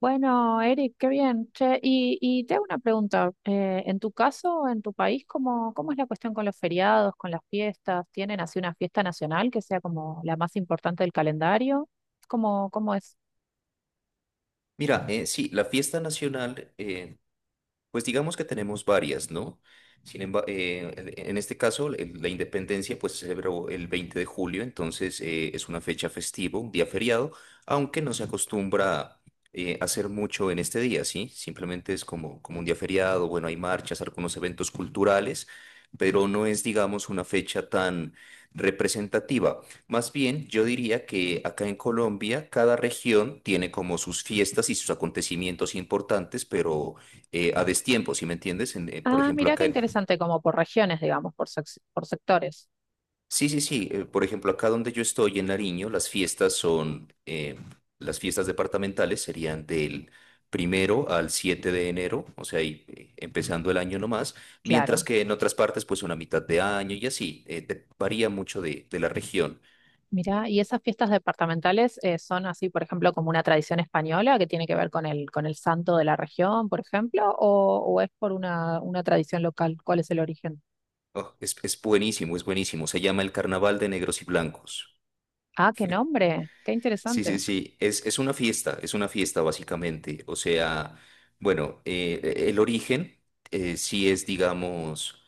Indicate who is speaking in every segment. Speaker 1: Bueno, Eric, qué bien. Che, y te hago una pregunta. En tu caso, en tu país, ¿cómo es la cuestión con los feriados, con las fiestas? ¿Tienen así una fiesta nacional que sea como la más importante del calendario? ¿Cómo es?
Speaker 2: Mira, sí, la fiesta nacional, pues digamos que tenemos varias, ¿no? Sin embargo, en este caso, la independencia, pues, se celebró el 20 de julio. Entonces, es una fecha festiva, un día feriado, aunque no se acostumbra hacer mucho en este día, ¿sí? Simplemente es como un día feriado. Bueno, hay marchas, algunos eventos culturales, pero no es, digamos, una fecha tan representativa. Más bien, yo diría que acá en Colombia cada región tiene como sus fiestas y sus acontecimientos importantes, pero, a destiempo. ¿Sí me entiendes? Por
Speaker 1: Ah,
Speaker 2: ejemplo,
Speaker 1: mira qué
Speaker 2: acá,
Speaker 1: interesante, como por regiones, digamos, por, por sectores.
Speaker 2: sí, sí, sí. Por ejemplo, acá donde yo estoy en Nariño, las fiestas departamentales serían del primero al 7 de enero, o sea, empezando el año nomás, mientras
Speaker 1: Claro.
Speaker 2: que en otras partes, pues, una mitad de año y así. Varía mucho de la región.
Speaker 1: Mira, y esas fiestas departamentales son así, por ejemplo, como una tradición española que tiene que ver con con el santo de la región, por ejemplo, o es por una tradición local. ¿Cuál es el origen?
Speaker 2: Oh, es buenísimo, es buenísimo. Se llama el Carnaval de Negros y Blancos.
Speaker 1: Ah, qué nombre, qué
Speaker 2: Sí,
Speaker 1: interesante.
Speaker 2: sí, sí. Es una fiesta, básicamente. O sea, bueno, el origen, sí es, digamos,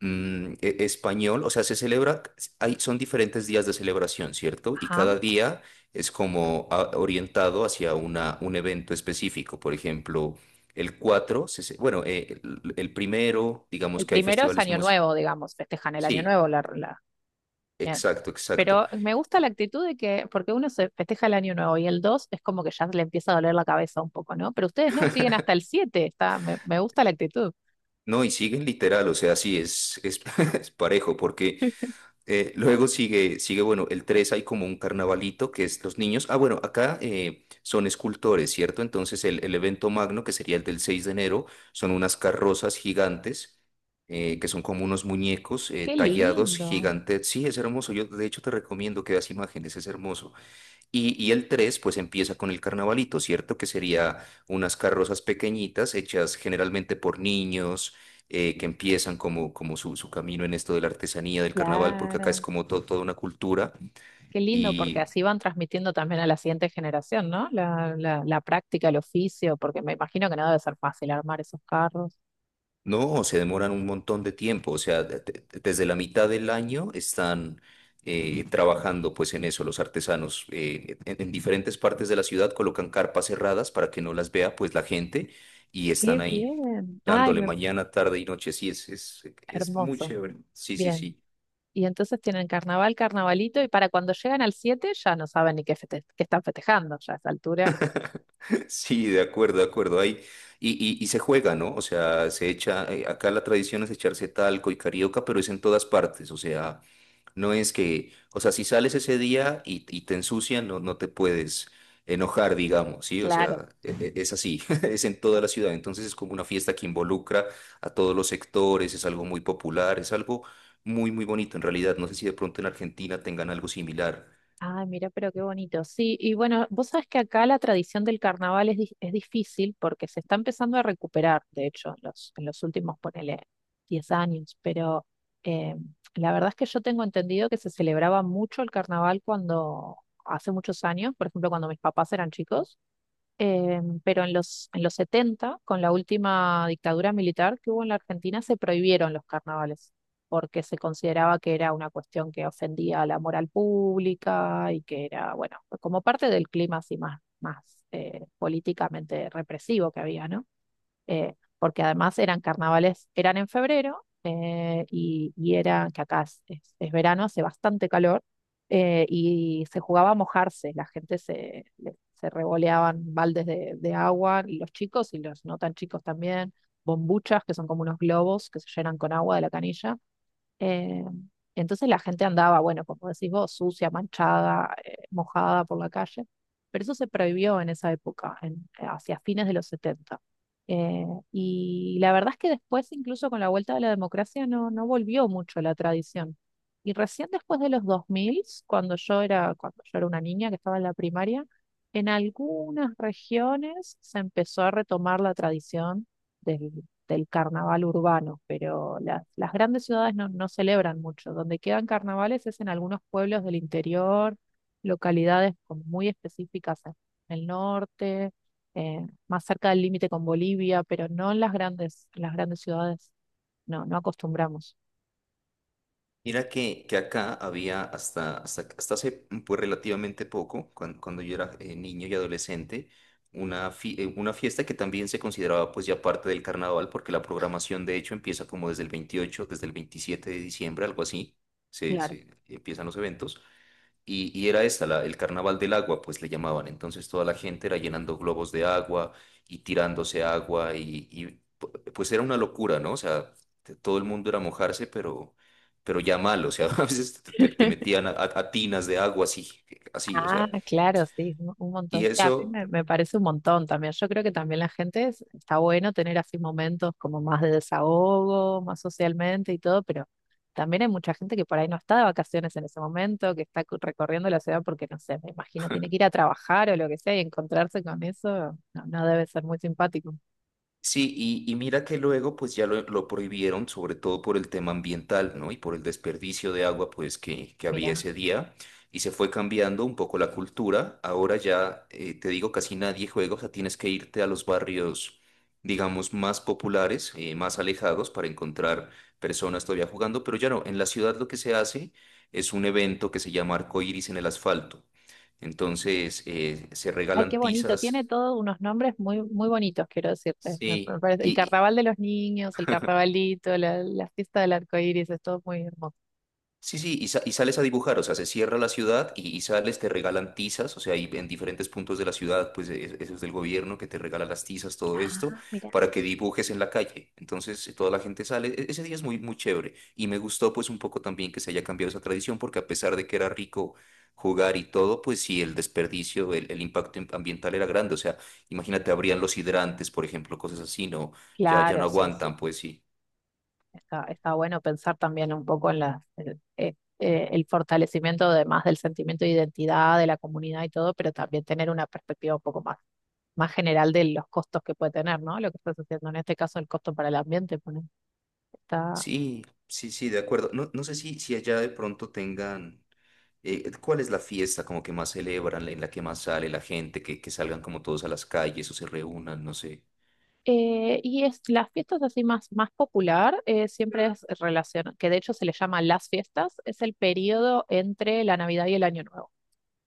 Speaker 2: español. O sea, se celebra, hay, son diferentes días de celebración, ¿cierto? Y
Speaker 1: Ajá.
Speaker 2: cada día es como, orientado hacia un evento específico. Por ejemplo, el 4 se ce- bueno, el primero, digamos
Speaker 1: El
Speaker 2: que hay
Speaker 1: primero es
Speaker 2: festivales
Speaker 1: Año
Speaker 2: músicos.
Speaker 1: Nuevo, digamos, festejan el Año
Speaker 2: Sí,
Speaker 1: Nuevo, bien.
Speaker 2: exacto, exacto.
Speaker 1: Pero me gusta la actitud de que, porque uno se festeja el Año Nuevo y el 2 es como que ya le empieza a doler la cabeza un poco, ¿no? Pero ustedes no, siguen hasta el siete, está, me gusta la actitud.
Speaker 2: No, y siguen literal, o sea, sí, es parejo, porque Luego sigue, sigue, bueno, el 3 hay como un carnavalito que es los niños. Ah, bueno, acá, son escultores, ¿cierto? Entonces el evento magno, que sería el del 6 de enero, son unas carrozas gigantes, que son como unos muñecos,
Speaker 1: Qué
Speaker 2: tallados,
Speaker 1: lindo,
Speaker 2: gigantes. Sí, es hermoso. Yo, de hecho, te recomiendo que veas imágenes. Es hermoso. Y el tres, pues, empieza con el carnavalito, ¿cierto? Que sería unas carrozas pequeñitas hechas generalmente por niños, que empiezan como su camino en esto de la artesanía, del carnaval, porque acá es
Speaker 1: claro.
Speaker 2: como toda una cultura
Speaker 1: Qué lindo, porque
Speaker 2: y
Speaker 1: así van transmitiendo también a la siguiente generación, ¿no? La práctica, el oficio, porque me imagino que no debe ser fácil armar esos carros.
Speaker 2: no, se demoran un montón de tiempo. O sea, desde la mitad del año están, trabajando, pues, en eso los artesanos. En diferentes partes de la ciudad colocan carpas cerradas para que no las vea, pues, la gente, y están
Speaker 1: Qué
Speaker 2: ahí,
Speaker 1: bien.
Speaker 2: dándole mañana, tarde y noche. Sí, es muy
Speaker 1: Hermoso.
Speaker 2: chévere. Sí, sí,
Speaker 1: Bien.
Speaker 2: sí.
Speaker 1: Y entonces tienen carnaval, carnavalito, y para cuando llegan al 7 ya no saben ni qué, qué están festejando ya a esa altura.
Speaker 2: Sí, de acuerdo, de acuerdo. Ahí, y se juega, ¿no? O sea, se echa, acá la tradición es echarse talco y carioca, pero es en todas partes. O sea, no es que... O sea, si sales ese día y te ensucian, no, no te puedes enojar, digamos, ¿sí? O
Speaker 1: Claro.
Speaker 2: sea, es así, es en toda la ciudad. Entonces es como una fiesta que involucra a todos los sectores. Es algo muy popular, es algo muy, muy bonito en realidad. No sé si de pronto en Argentina tengan algo similar.
Speaker 1: Ah, mira, pero qué bonito. Sí, y bueno, vos sabés que acá la tradición del carnaval es, es difícil porque se está empezando a recuperar, de hecho, en en los últimos, ponele, 10 años, pero eh, la verdad es que yo tengo entendido que se celebraba mucho el carnaval cuando, hace muchos años, por ejemplo, cuando mis papás eran chicos. Pero en en los setenta, con la última dictadura militar que hubo en la Argentina, se prohibieron los carnavales, porque se consideraba que era una cuestión que ofendía a la moral pública y que era, bueno, como parte del clima así más políticamente represivo que había, ¿no? Porque además eran carnavales, eran en febrero, y era, que acá es, es verano, hace bastante calor, y se jugaba a mojarse, la gente se, se revoleaban baldes de agua, y los chicos y los no tan chicos también, bombuchas, que son como unos globos que se llenan con agua de la canilla. eh, entonces la gente andaba, bueno, como decís vos, sucia, manchada, mojada por la calle, pero eso se prohibió en esa época, hacia fines de los 70. Eh, y la verdad es que después, incluso con la vuelta de la democracia, no, no volvió mucho la tradición. Y recién después de los 2000, cuando yo era una niña que estaba en la primaria, en algunas regiones se empezó a retomar la tradición del carnaval urbano, pero las grandes ciudades no, no celebran mucho. Donde quedan carnavales es en algunos pueblos del interior, localidades como muy específicas en el norte, más cerca del límite con Bolivia, pero no en las grandes ciudades. No, no acostumbramos.
Speaker 2: Mira que acá había hasta hace, pues, relativamente poco, cuando yo era, niño y adolescente, una fiesta que también se consideraba, pues, ya parte del carnaval, porque la programación, de hecho, empieza como desde el 28, desde el 27 de diciembre, algo así. se,
Speaker 1: Claro.
Speaker 2: se empiezan los eventos. Y era esta, el carnaval del agua, pues le llamaban. Entonces toda la gente era llenando globos de agua y tirándose agua pues era una locura, ¿no? O sea, todo el mundo era mojarse, pero, ya mal. O sea, a veces te metían a tinas de agua, así, así, o
Speaker 1: Ah,
Speaker 2: sea.
Speaker 1: claro, sí, un montón.
Speaker 2: Y
Speaker 1: Sí,
Speaker 2: eso,
Speaker 1: me parece un montón también. Yo creo que también la gente está bueno tener así momentos como más de desahogo, más socialmente y todo, pero también hay mucha gente que por ahí no está de vacaciones en ese momento, que está recorriendo la ciudad porque, no sé, me imagino tiene que ir a trabajar o lo que sea, y encontrarse con eso no, no debe ser muy simpático.
Speaker 2: sí. Y mira que luego, pues, ya lo prohibieron, sobre todo por el tema ambiental, ¿no? Y por el desperdicio de agua, pues, que había
Speaker 1: Mira,
Speaker 2: ese día. Y se fue cambiando un poco la cultura. Ahora ya, te digo, casi nadie juega. O sea, tienes que irte a los barrios, digamos, más populares, más alejados, para encontrar personas todavía jugando. Pero ya no. En la ciudad lo que se hace es un evento que se llama Arco Iris en el Asfalto. Entonces, se
Speaker 1: ay, qué
Speaker 2: regalan
Speaker 1: bonito,
Speaker 2: tizas.
Speaker 1: tiene todos unos nombres muy, muy bonitos, quiero decirte.
Speaker 2: Sí.
Speaker 1: El carnaval de los niños, el carnavalito, la fiesta del arco iris, es todo muy hermoso.
Speaker 2: Sí, sí. Y sales a dibujar. O sea, se cierra la ciudad y sales, te regalan tizas. O sea, y en diferentes puntos de la ciudad, pues, eso es del gobierno, que te regala las tizas, todo esto,
Speaker 1: Ah, mira.
Speaker 2: para que dibujes en la calle. Entonces, toda la gente sale. Ese día es muy, muy chévere. Y me gustó, pues, un poco también que se haya cambiado esa tradición, porque a pesar de que era rico jugar y todo, pues, sí, el desperdicio, el impacto ambiental era grande. O sea, imagínate, habrían los hidrantes, por ejemplo, cosas así. No, ya
Speaker 1: Claro,
Speaker 2: no
Speaker 1: sí, sí.
Speaker 2: aguantan, pues sí.
Speaker 1: Está, está bueno pensar también un poco en las, el fortalecimiento, además, del sentimiento de identidad de la comunidad y todo, pero también tener una perspectiva un poco más, más general de los costos que puede tener, ¿no? Lo que estás haciendo en este caso, el costo para el ambiente, está.
Speaker 2: Sí, sí, sí, de acuerdo. No, no sé si allá de pronto tengan, ¿cuál es la fiesta como que más celebran, en la que más sale la gente, que salgan como todos a las calles o se reúnan, no sé?
Speaker 1: Y es las fiestas así más, más popular, siempre es relación, que de hecho se le llama las fiestas, es el periodo entre la Navidad y el Año Nuevo.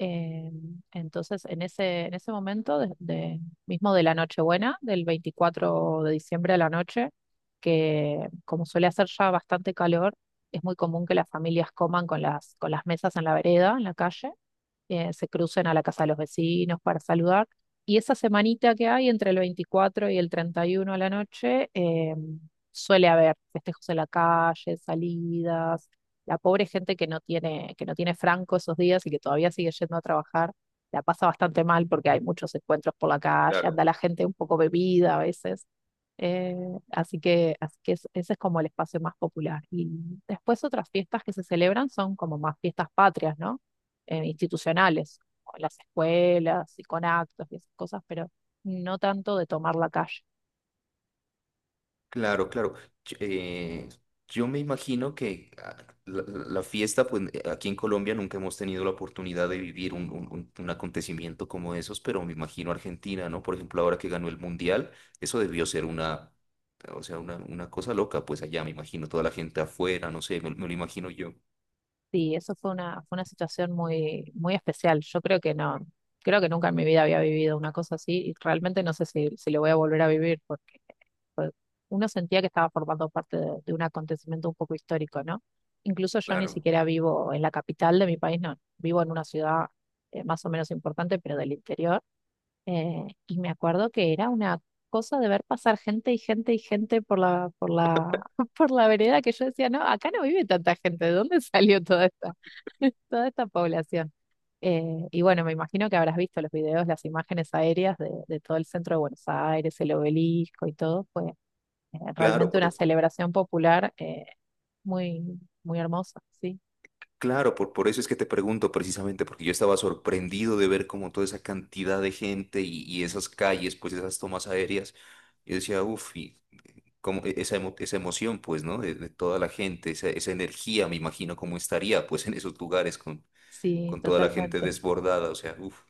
Speaker 1: Eh, entonces, en ese, mismo de la Nochebuena, del 24 de diciembre a la noche, que como suele hacer ya bastante calor, es muy común que las familias coman con las mesas en la vereda, en la calle. Se crucen a la casa de los vecinos para saludar. Y esa semanita que hay entre el 24 y el 31 a la noche, suele haber festejos en la calle, salidas. La pobre gente que no tiene franco esos días y que todavía sigue yendo a trabajar, la pasa bastante mal porque hay muchos encuentros por la calle,
Speaker 2: Claro.
Speaker 1: anda la gente un poco bebida a veces. Eh, Así que, ese es como el espacio más popular. Y después otras fiestas que se celebran son como más fiestas patrias, ¿no? Institucionales, con las escuelas y con actos y esas cosas, pero no tanto de tomar la calle.
Speaker 2: Claro, claro. Ch- eh, yo me imagino que, la fiesta, pues, aquí en Colombia nunca hemos tenido la oportunidad de vivir un acontecimiento como esos, pero me imagino Argentina, ¿no? Por ejemplo, ahora que ganó el Mundial, eso debió ser una. O sea, una cosa loca, pues, allá me imagino toda la gente afuera, no sé, me lo imagino yo.
Speaker 1: Sí, eso fue una situación muy, muy especial. Yo creo que no, creo que nunca en mi vida había vivido una cosa así, y realmente no sé si, si lo voy a volver a vivir porque fue- uno sentía que estaba formando parte de un acontecimiento un poco histórico, ¿no? Incluso yo ni
Speaker 2: Claro.
Speaker 1: siquiera vivo en la capital de mi país, no, vivo en una ciudad más o menos importante, pero del interior. Y me acuerdo que era una cosa de ver pasar gente y gente y gente por la, por la vereda, que yo decía, no, acá no vive tanta gente, ¿de dónde salió toda esta, toda esta población? Y bueno, me imagino que habrás visto los videos, las imágenes aéreas de todo el centro de Buenos Aires, el obelisco y todo. Fue
Speaker 2: Claro,
Speaker 1: realmente una celebración popular, muy, muy hermosa, sí,
Speaker 2: claro, por eso es que te pregunto, precisamente, porque yo estaba sorprendido de ver como toda esa cantidad de gente y esas calles, pues, esas tomas aéreas. Yo decía, uff, y como, esa, esa emoción, pues, ¿no? De toda la gente, esa energía, me imagino cómo estaría, pues, en esos lugares con,
Speaker 1: sí,
Speaker 2: con toda la gente
Speaker 1: totalmente.
Speaker 2: desbordada, o sea, uff,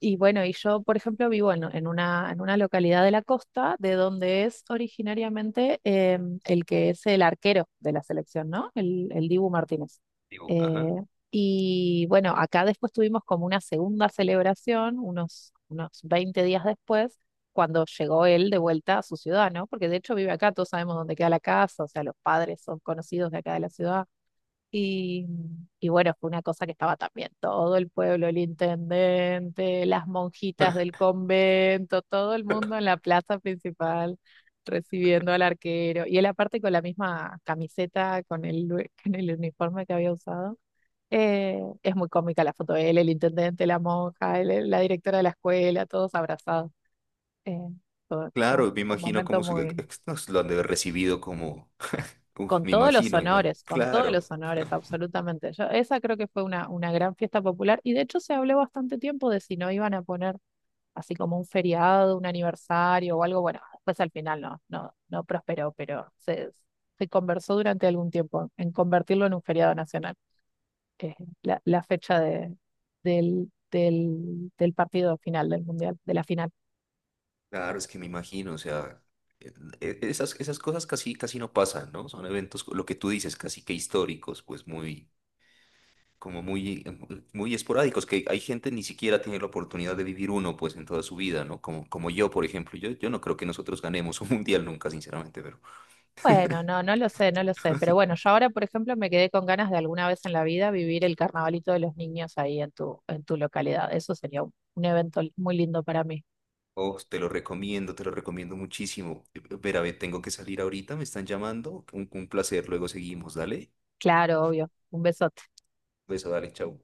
Speaker 1: Y bueno, por ejemplo, vivo en una localidad de la costa, de donde es originariamente el que es el arquero de la selección, ¿no? El Dibu Martínez.
Speaker 2: digo,
Speaker 1: Eh,
Speaker 2: ajá.
Speaker 1: y bueno, acá después tuvimos como una segunda celebración, unos 20 días después, cuando llegó él de vuelta a su ciudad, ¿no? Porque de hecho vive acá, todos sabemos dónde queda la casa, o sea, los padres son conocidos de acá de la ciudad. Y, y bueno, fue una cosa que estaba también todo el pueblo, el intendente, las monjitas del convento, todo el mundo en la plaza principal recibiendo al arquero. Y él aparte con la misma camiseta, con el, con el uniforme que había usado. Es muy cómica la foto de él, el intendente, la monja, la directora de la escuela, todos abrazados. Eh, fue fue un
Speaker 2: Claro, me
Speaker 1: un
Speaker 2: imagino
Speaker 1: momento
Speaker 2: cómo
Speaker 1: muy...
Speaker 2: nos lo han de haber recibido como... Uff,
Speaker 1: Con
Speaker 2: me
Speaker 1: todos los
Speaker 2: imagino,
Speaker 1: honores, con todos los
Speaker 2: claro.
Speaker 1: honores, absolutamente. Yo, esa creo que fue una gran fiesta popular, y de hecho se habló bastante tiempo de si no iban a poner así como un feriado, un aniversario o algo. Bueno, después al final no, no, no prosperó, pero se conversó durante algún tiempo en convertirlo en un feriado nacional, que es la, la fecha del partido final del mundial, de la final.
Speaker 2: Claro, es que me imagino, o sea, e- esas cosas casi, casi no pasan, ¿no? Son eventos, lo que tú dices, casi que históricos, pues, muy, como muy, muy esporádicos, que hay gente ni siquiera tiene la oportunidad de vivir uno, pues, en toda su vida, ¿no? Como yo, por ejemplo, yo no creo que nosotros ganemos un mundial nunca, sinceramente, pero...
Speaker 1: Bueno, no, no lo sé, no lo sé. Pero bueno, yo ahora, por ejemplo, me quedé con ganas de alguna vez en la vida vivir el carnavalito de los niños ahí en tu localidad. Eso sería un evento muy lindo para mí.
Speaker 2: Oh, te lo recomiendo muchísimo. Ver a ver, tengo que salir ahorita, me están llamando, un placer, luego seguimos, dale,
Speaker 1: Claro, obvio. Un besote.
Speaker 2: beso, dale, chao.